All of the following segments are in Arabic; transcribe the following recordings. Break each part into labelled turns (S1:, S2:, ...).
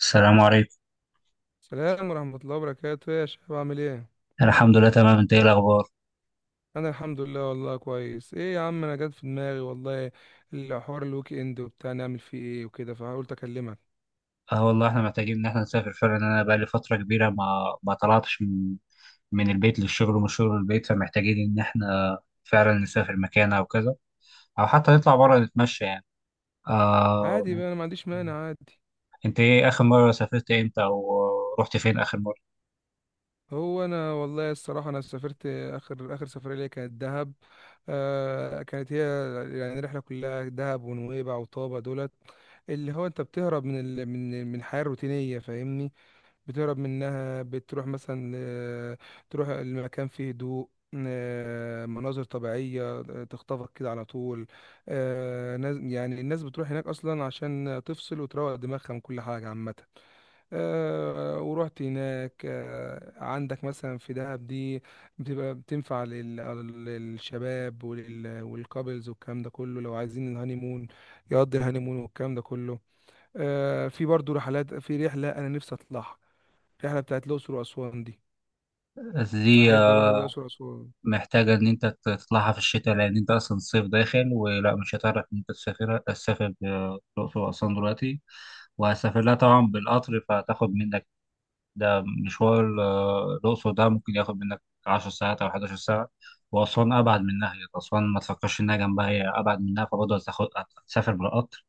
S1: السلام عليكم.
S2: السلام ورحمة الله وبركاته يا شباب، عامل ايه؟
S1: الحمد لله تمام، انت ايه الاخبار؟
S2: أنا الحمد لله والله كويس. ايه يا عم، أنا جات في دماغي والله الحوار الويك إند وبتاع نعمل فيه ايه وكده، فقلت أكلمك.
S1: اه والله احنا محتاجين ان احنا نسافر فعلا، انا بقى لي فتره كبيره ما طلعتش من البيت للشغل ومن الشغل للبيت، فمحتاجين ان احنا فعلا نسافر مكان او كذا، او حتى نطلع بره نتمشى يعني. آه
S2: عادي بقى، أنا ما عنديش مانع عادي.
S1: انت ايه اخر مره سافرت امتى او رحت فين اخر مره؟
S2: هو أنا والله الصراحة أنا سافرت آخر سفرية ليا كانت دهب. آه كانت هي، يعني الرحلة كلها دهب ونويبع وطابة، دولت اللي هو أنت بتهرب من ال... من من الحياة الروتينية، فاهمني؟ بتهرب منها، بتروح مثلا ل- تروح المكان فيه هدوء، مناظر طبيعية، تخطفك كده على طول. يعني الناس بتروح هناك أصلا عشان تفصل وتروق دماغها من كل حاجة عامة. ورحت هناك. عندك مثلا في دهب دي بتبقى بتنفع للشباب والكابلز والكلام ده كله، لو عايزين الهانيمون يقضي الهانيمون والكلام ده كله. في برضو رحلات، في رحلة أنا نفسي أطلعها، الرحله بتاعت الاقصر واسوان دي،
S1: دي
S2: احب اروح الاقصر واسوان.
S1: محتاجة إن أنت تطلعها في الشتاء، لأن أنت أصلا الصيف داخل ولا مش هتعرف إن أنت تسافر الأقصر وأسوان دلوقتي، وهسافر لها طبعا بالقطر فهتاخد منك، ده مشوار. الأقصر ده ممكن ياخد منك عشر ساعات أو حداشر ساعة، وأسوان أبعد منها، هي أسوان ما تفكرش إنها جنبها، هي أبعد منها فبرضه هتاخد، هتسافر بالقطر.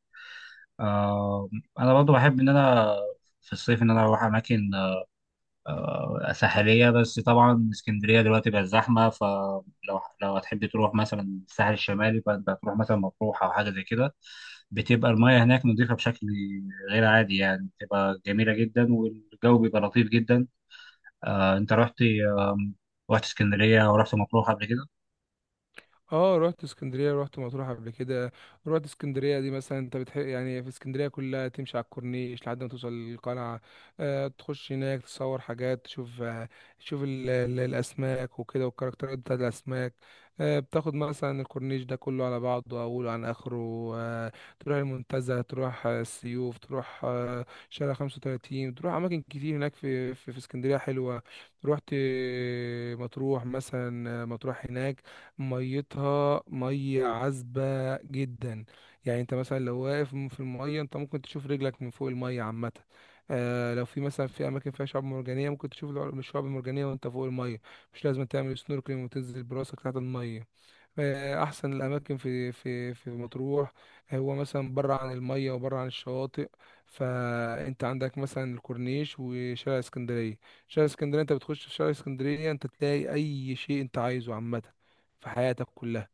S1: آه، أنا برضه بحب إن أنا في الصيف إن أنا أروح أماكن ساحلية. بس طبعا اسكندرية دلوقتي بقت زحمة، فلو هتحب تروح مثلا الساحل الشمالي فأنت هتروح مثلا مطروح أو حاجة زي كده، بتبقى المياه هناك نظيفة بشكل غير عادي، يعني بتبقى جميلة جدا والجو بيبقى لطيف جدا. أنت رحت رحت اسكندرية أو رحت مطروح قبل كده؟
S2: اه رحت اسكندريه، رحت مطروح قبل كده. رحت اسكندريه دي مثلا انت بتحب، يعني في اسكندريه كلها تمشي على الكورنيش لحد ما توصل للقلعه، آه تخش هناك تصور حاجات، تشوف آه تشوف ال الاسماك وكده، والكاركترات بتاعت الاسماك. آه بتاخد مثلا الكورنيش ده كله على بعضه اوله عن اخره. آه تروح المنتزه، تروح السيوف، تروح آه شارع 35، تروح اماكن كتير هناك في اسكندريه حلوه. رحت مطروح، مثلا مطروح هناك ميتها مية عذبة جدا، يعني انت مثلا لو واقف في المية انت ممكن تشوف رجلك من فوق المية عامة. آه لو في مثلا في اماكن فيها شعاب مرجانية ممكن تشوف الشعاب المرجانية وانت فوق المية، مش لازم تعمل سنوركلينج وتنزل براسك تحت المية. احسن الاماكن في في مطروح. هو مثلا بره عن الميه وبره عن الشواطئ، فانت عندك مثلا الكورنيش وشارع اسكندريه. شارع اسكندريه انت بتخش في شارع اسكندريه انت تلاقي اي شيء انت عايزه عامه في حياتك كلها.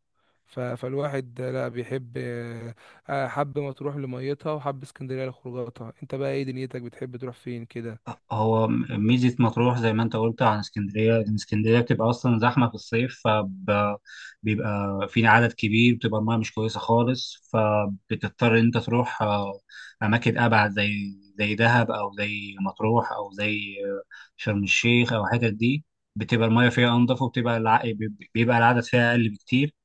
S2: فالواحد لا بيحب، حب مطروح لميتها وحب اسكندريه لخروجاتها. انت بقى ايه دنيتك، بتحب تروح فين كده؟
S1: هو ميزة مطروح زي ما انت قلت، عن اسكندرية ان اسكندرية بتبقى اصلا زحمة في الصيف، فبيبقى في عدد كبير، بتبقى المياه مش كويسة خالص، فبتضطر ان انت تروح اماكن ابعد زي دهب او زي مطروح او زي شرم الشيخ او الحتت دي. بتبقى المياه فيها انضف، بيبقى العدد فيها اقل بكتير.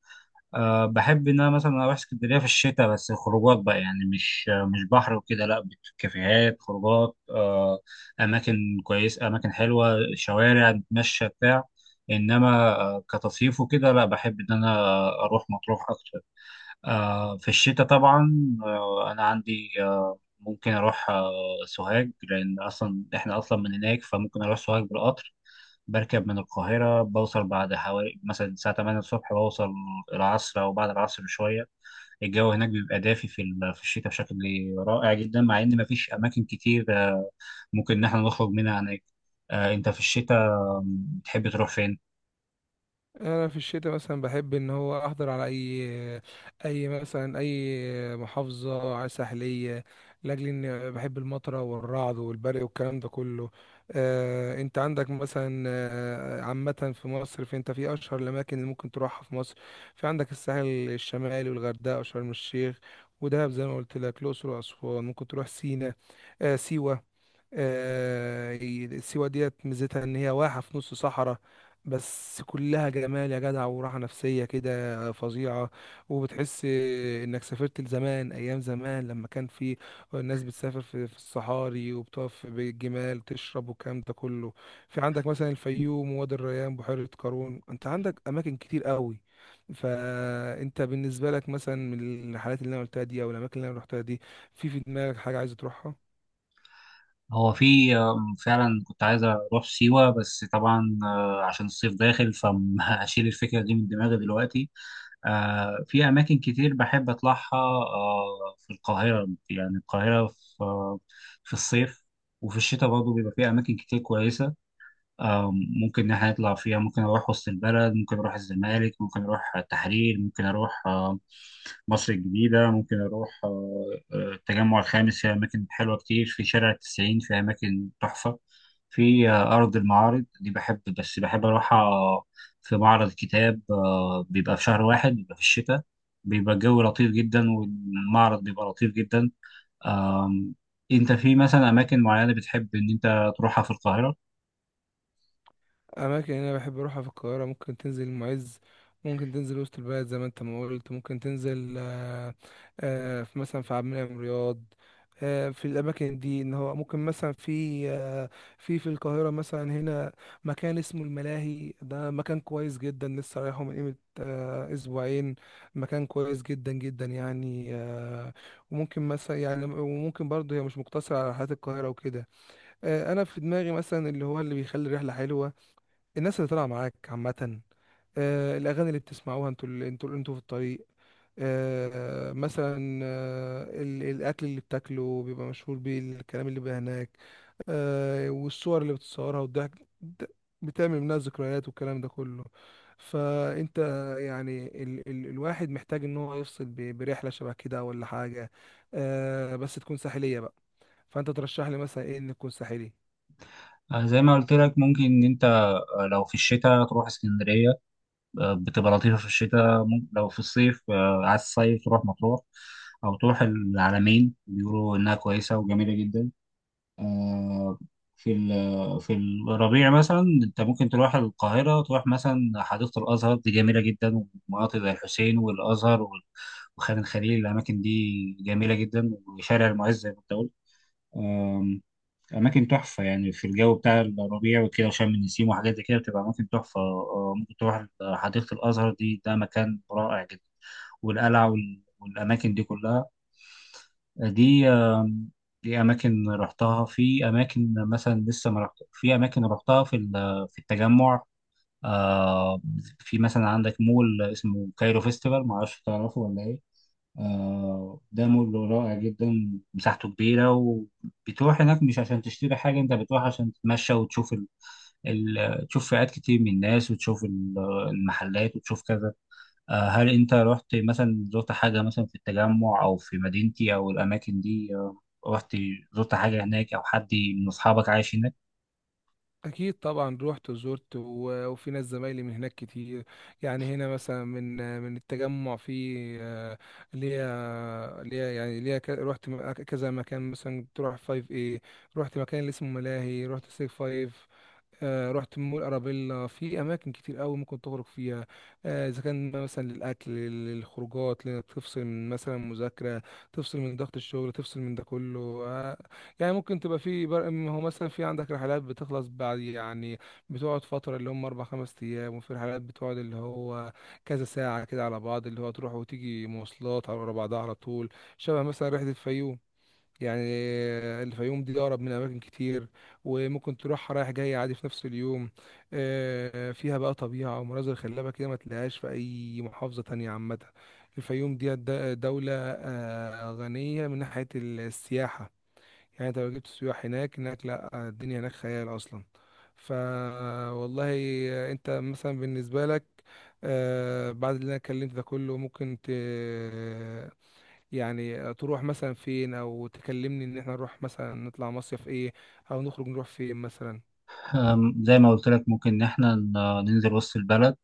S1: أه، بحب ان انا مثلا اروح اسكندريه في الشتاء، بس خروجات بقى يعني، مش بحر وكده، لا. كافيهات، خروجات، أه اماكن كويسه، اماكن حلوه، شوارع نتمشى بتاع. انما أه كتصيف وكده لا، بحب ان انا اروح مطروح اكتر. أه في الشتاء طبعا. أه انا عندي أه ممكن اروح أه سوهاج، لان اصلا احنا اصلا من هناك، فممكن اروح سوهاج بالقطر، بركب من القاهرة بوصل بعد حوالي مثلا الساعة 8 الصبح، بوصل العصر أو بعد العصر بشوية. الجو هناك بيبقى دافي في الشتاء بشكل رائع جدا، مع إن مفيش أماكن كتير ممكن إن إحنا نخرج منها هناك. أنت في الشتاء بتحب تروح فين؟
S2: انا في الشتاء مثلا بحب ان هو احضر على اي مثلا اي محافظه على ساحليه، لاجل ان بحب المطره والرعد والبرق والكلام ده كله. انت عندك مثلا، عامه في مصر، فانت في اشهر الاماكن اللي ممكن تروحها في مصر، في عندك الساحل الشمالي والغردقه وشرم الشيخ ودهب زي ما قلت لك، الاقصر واسوان، ممكن تروح سينا، سيوه. سيوة ديت ميزتها ان هي واحة في نص صحراء، بس كلها جمال يا جدع وراحة نفسية كده فظيعة، وبتحس انك سافرت لزمان، ايام زمان لما كان في الناس بتسافر في الصحاري وبتقف بالجمال تشرب والكلام ده كله. في عندك مثلا الفيوم ووادي الريان بحيرة قارون، انت عندك اماكن كتير قوي. فانت بالنسبة لك مثلا من الرحلات اللي انا قلتها دي او الاماكن اللي انا رحتها دي، في في دماغك حاجة عايز تروحها؟
S1: هو في فعلا كنت عايز أروح سيوة، بس طبعا عشان الصيف داخل فهشيل الفكرة دي من دماغي دلوقتي. في أماكن كتير بحب أطلعها في القاهرة. يعني القاهرة في آه، في الصيف وفي الشتاء برضه بيبقى فيها أماكن كتير كويسة آه، ممكن إن إحنا نطلع فيها. ممكن أروح وسط البلد، ممكن أروح الزمالك، ممكن أروح التحرير، ممكن أروح مصر الجديدة، ممكن أروح التجمع الخامس، في أماكن حلوة كتير في شارع التسعين، في أماكن تحفة في أرض المعارض دي، بحب بس بحب أروحها في معرض كتاب بيبقى في شهر واحد، بيبقى في الشتاء، بيبقى الجو لطيف جدا والمعرض بيبقى لطيف جدا. آم، أنت في مثلا أماكن معينة بتحب إن أنت تروحها في القاهرة؟
S2: اماكن انا بحب اروحها في القاهره، ممكن تنزل المعز، ممكن تنزل وسط البلد زي ما انت ما قلت، ممكن تنزل في مثلا في عبد المنعم رياض. في الاماكن دي ان هو ممكن مثلا في آه، في في القاهره مثلا هنا مكان اسمه الملاهي، ده مكان كويس جدا، لسه رايحه من قيمه اسبوعين، مكان كويس جدا جدا يعني. وممكن مثلا يعني، وممكن برضه هي مش مقتصره على رحلات القاهره وكده. انا في دماغي مثلا اللي هو اللي بيخلي الرحله حلوه الناس اللي طالعه معاك عامه، الاغاني اللي بتسمعوها انتوا اللي انتوا في الطريق، الاكل اللي بتاكله بيبقى مشهور بيه، الكلام اللي بيبقى هناك، والصور اللي بتصورها والضحك، د- بتعمل منها ذكريات والكلام ده كله. فانت يعني ال الواحد محتاج ان هو يفصل برحله شبه كده ولا حاجه، بس تكون ساحليه بقى. فانت ترشح لي مثلا ايه ان تكون ساحلي؟
S1: زي ما قلت لك، ممكن ان انت لو في الشتاء تروح اسكندرية، بتبقى لطيفة في الشتاء. ممكن لو في الصيف عايز الصيف تروح مطروح او تروح العلمين، بيقولوا انها كويسة وجميلة جدا. آه، في الربيع مثلا انت ممكن تروح القاهرة، تروح مثلا حديقة الازهر دي جميلة جدا، ومناطق زي الحسين والازهر وخان الخليل، الاماكن دي جميلة جدا، وشارع المعز زي ما انت قلت، أماكن تحفة. يعني في الجو بتاع الربيع وكده وشم النسيم وحاجات زي كده بتبقى أماكن تحفة. ممكن تروح حديقة الأزهر دي، ده مكان رائع جدا، والقلعة والأماكن دي كلها دي. دي أماكن رحتها، في أماكن مثلا لسه ما رحت، في أماكن رحتها في التجمع. آه، في مثلا عندك مول اسمه كايرو فيستيفال، معرفش تعرفه ولا إيه؟ ده مول رائع جدا، مساحته كبيرة، وبتروح هناك مش عشان تشتري حاجة، انت بتروح عشان تتمشى وتشوف تشوف فئات كتير من الناس، وتشوف المحلات، وتشوف كذا. هل انت رحت مثلا، زرت حاجة مثلا في التجمع او في مدينتي او الاماكن دي؟ رحت، زرت حاجة هناك، او حد من اصحابك عايش هناك؟
S2: أكيد طبعا روحت وزرت وفي ناس زمايلي من هناك كتير، يعني هنا مثلا من التجمع، في آه، ليا ليا يعني ليا روحت كذا مكان، مثلا تروح فايف ايه، روحت مكان اللي اسمه ملاهي، روحت سيف فايف، رحت مول ارابيلا، في اماكن كتير قوي ممكن تخرج فيها، اذا كان مثلا للاكل للخروجات تفصل من مثلا مذاكره، تفصل من ضغط الشغل، تفصل من ده كله. يعني ممكن تبقى في ما هو مثلا في عندك رحلات بتخلص بعد يعني، بتقعد فترة اللي هم أربع خمس أيام، وفي رحلات بتقعد اللي هو كذا ساعة كده على بعض اللي هو تروح وتيجي مواصلات على ورا بعضها على طول، شبه مثلا رحلة الفيوم. يعني الفيوم دي أقرب من أماكن كتير، وممكن تروحها رايح جاي عادي في نفس اليوم. فيها بقى طبيعة ومناظر خلابة كده ما تلاقيهاش في أي محافظة تانية عامة. الفيوم دي دولة غنية من ناحية السياحة، يعني انت لو جبت سياح هناك، هناك لا الدنيا هناك خيال اصلا. ف والله انت مثلا بالنسبه لك بعد اللي انا اتكلمت ده كله ممكن يعني تروح مثلا فين، او تكلمني ان احنا نروح مثلا نطلع مصيف ايه، او نخرج نروح فين مثلا؟
S1: زي ما قلت لك، ممكن إن إحنا ننزل وسط البلد،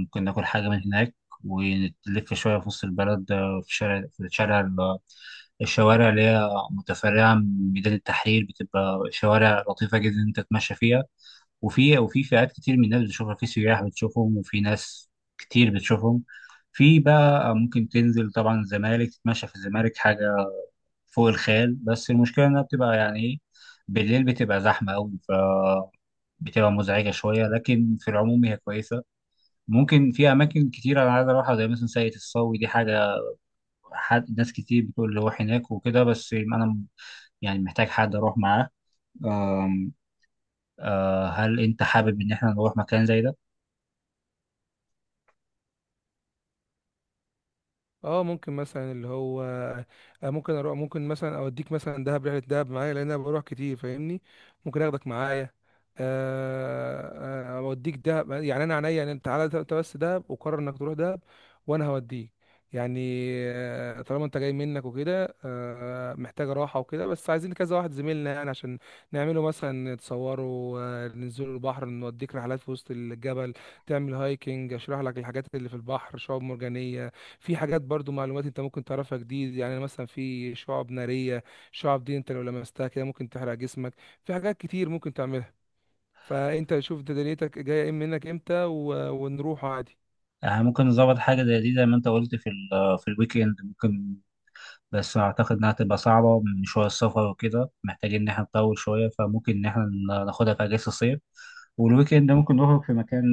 S1: ممكن ناكل حاجة من هناك ونلف شوية في وسط البلد. في الشارع الشوارع اللي هي متفرعة من ميدان التحرير بتبقى شوارع لطيفة جدا إن أنت تتمشى فيها، وفي فئات كتير من الناس بتشوفها، في سياح بتشوفهم، وفي ناس كتير بتشوفهم. في بقى ممكن تنزل طبعا الزمالك، تتمشى في الزمالك حاجة فوق الخيال، بس المشكلة إنها بتبقى يعني إيه، بالليل بتبقى زحمة أوي، بتبقى مزعجة شوية، لكن في العموم هي كويسة. ممكن في أماكن كتيرة أنا عايز أروحها زي مثلا ساقية الصاوي دي، حاجة، حد، ناس كتير بتقول روح هناك وكده، بس أنا يعني محتاج حد أروح معاه. أم، هل أنت حابب إن إحنا نروح مكان زي ده؟
S2: اه ممكن مثلا اللي هو، ممكن اروح، ممكن مثلا اوديك مثلا دهب، رحله دهب معايا لان انا بروح كتير فاهمني، ممكن اخدك معايا. اوديك دهب يعني انا عينيا، يعني انت تعالى انت بس دهب، وقرر انك تروح دهب وانا هوديك. يعني طالما انت جاي منك وكده، محتاجه راحه وكده، بس عايزين كذا واحد زميلنا يعني عشان نعمله مثلا تصوروا، ننزلوا البحر، نوديك رحلات في وسط الجبل، تعمل هايكنج، اشرح لك الحاجات اللي في البحر شعاب مرجانيه، في حاجات برضو معلومات انت ممكن تعرفها جديد، يعني مثلا في شعب نارية، شعب دي انت لو لمستها كده ممكن تحرق جسمك، في حاجات كتير ممكن تعملها. فانت شوف ده دنيتك جاية ايه منك امتى ونروح عادي.
S1: ممكن نظبط حاجة زي دي زي ما أنت قلت في الويك إند. ممكن، بس اعتقد انها تبقى صعبه من شويه، السفر وكده محتاجين ان احنا نطول شويه، فممكن ان احنا ناخدها في اجازه الصيف، والويكند ممكن نخرج في مكان،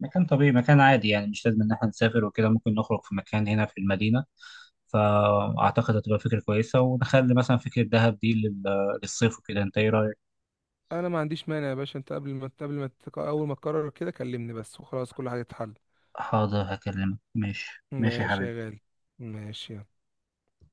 S1: مكان طبيعي، مكان عادي يعني، مش لازم ان احنا نسافر وكده، ممكن نخرج في مكان هنا في المدينه، فاعتقد هتبقى فكره كويسه، ونخلي مثلا فكره دهب دي للصيف وكده. انت ايه رايك؟
S2: انا ما عنديش مانع يا باشا، انت قبل ما قبل ما تك- اول ما تقرر كده كلمني بس وخلاص كل حاجة تتحل.
S1: حاضر، هكلمك. ماشي ماشي يا
S2: ماشي يا
S1: حبيبي.
S2: غالي، ماشي.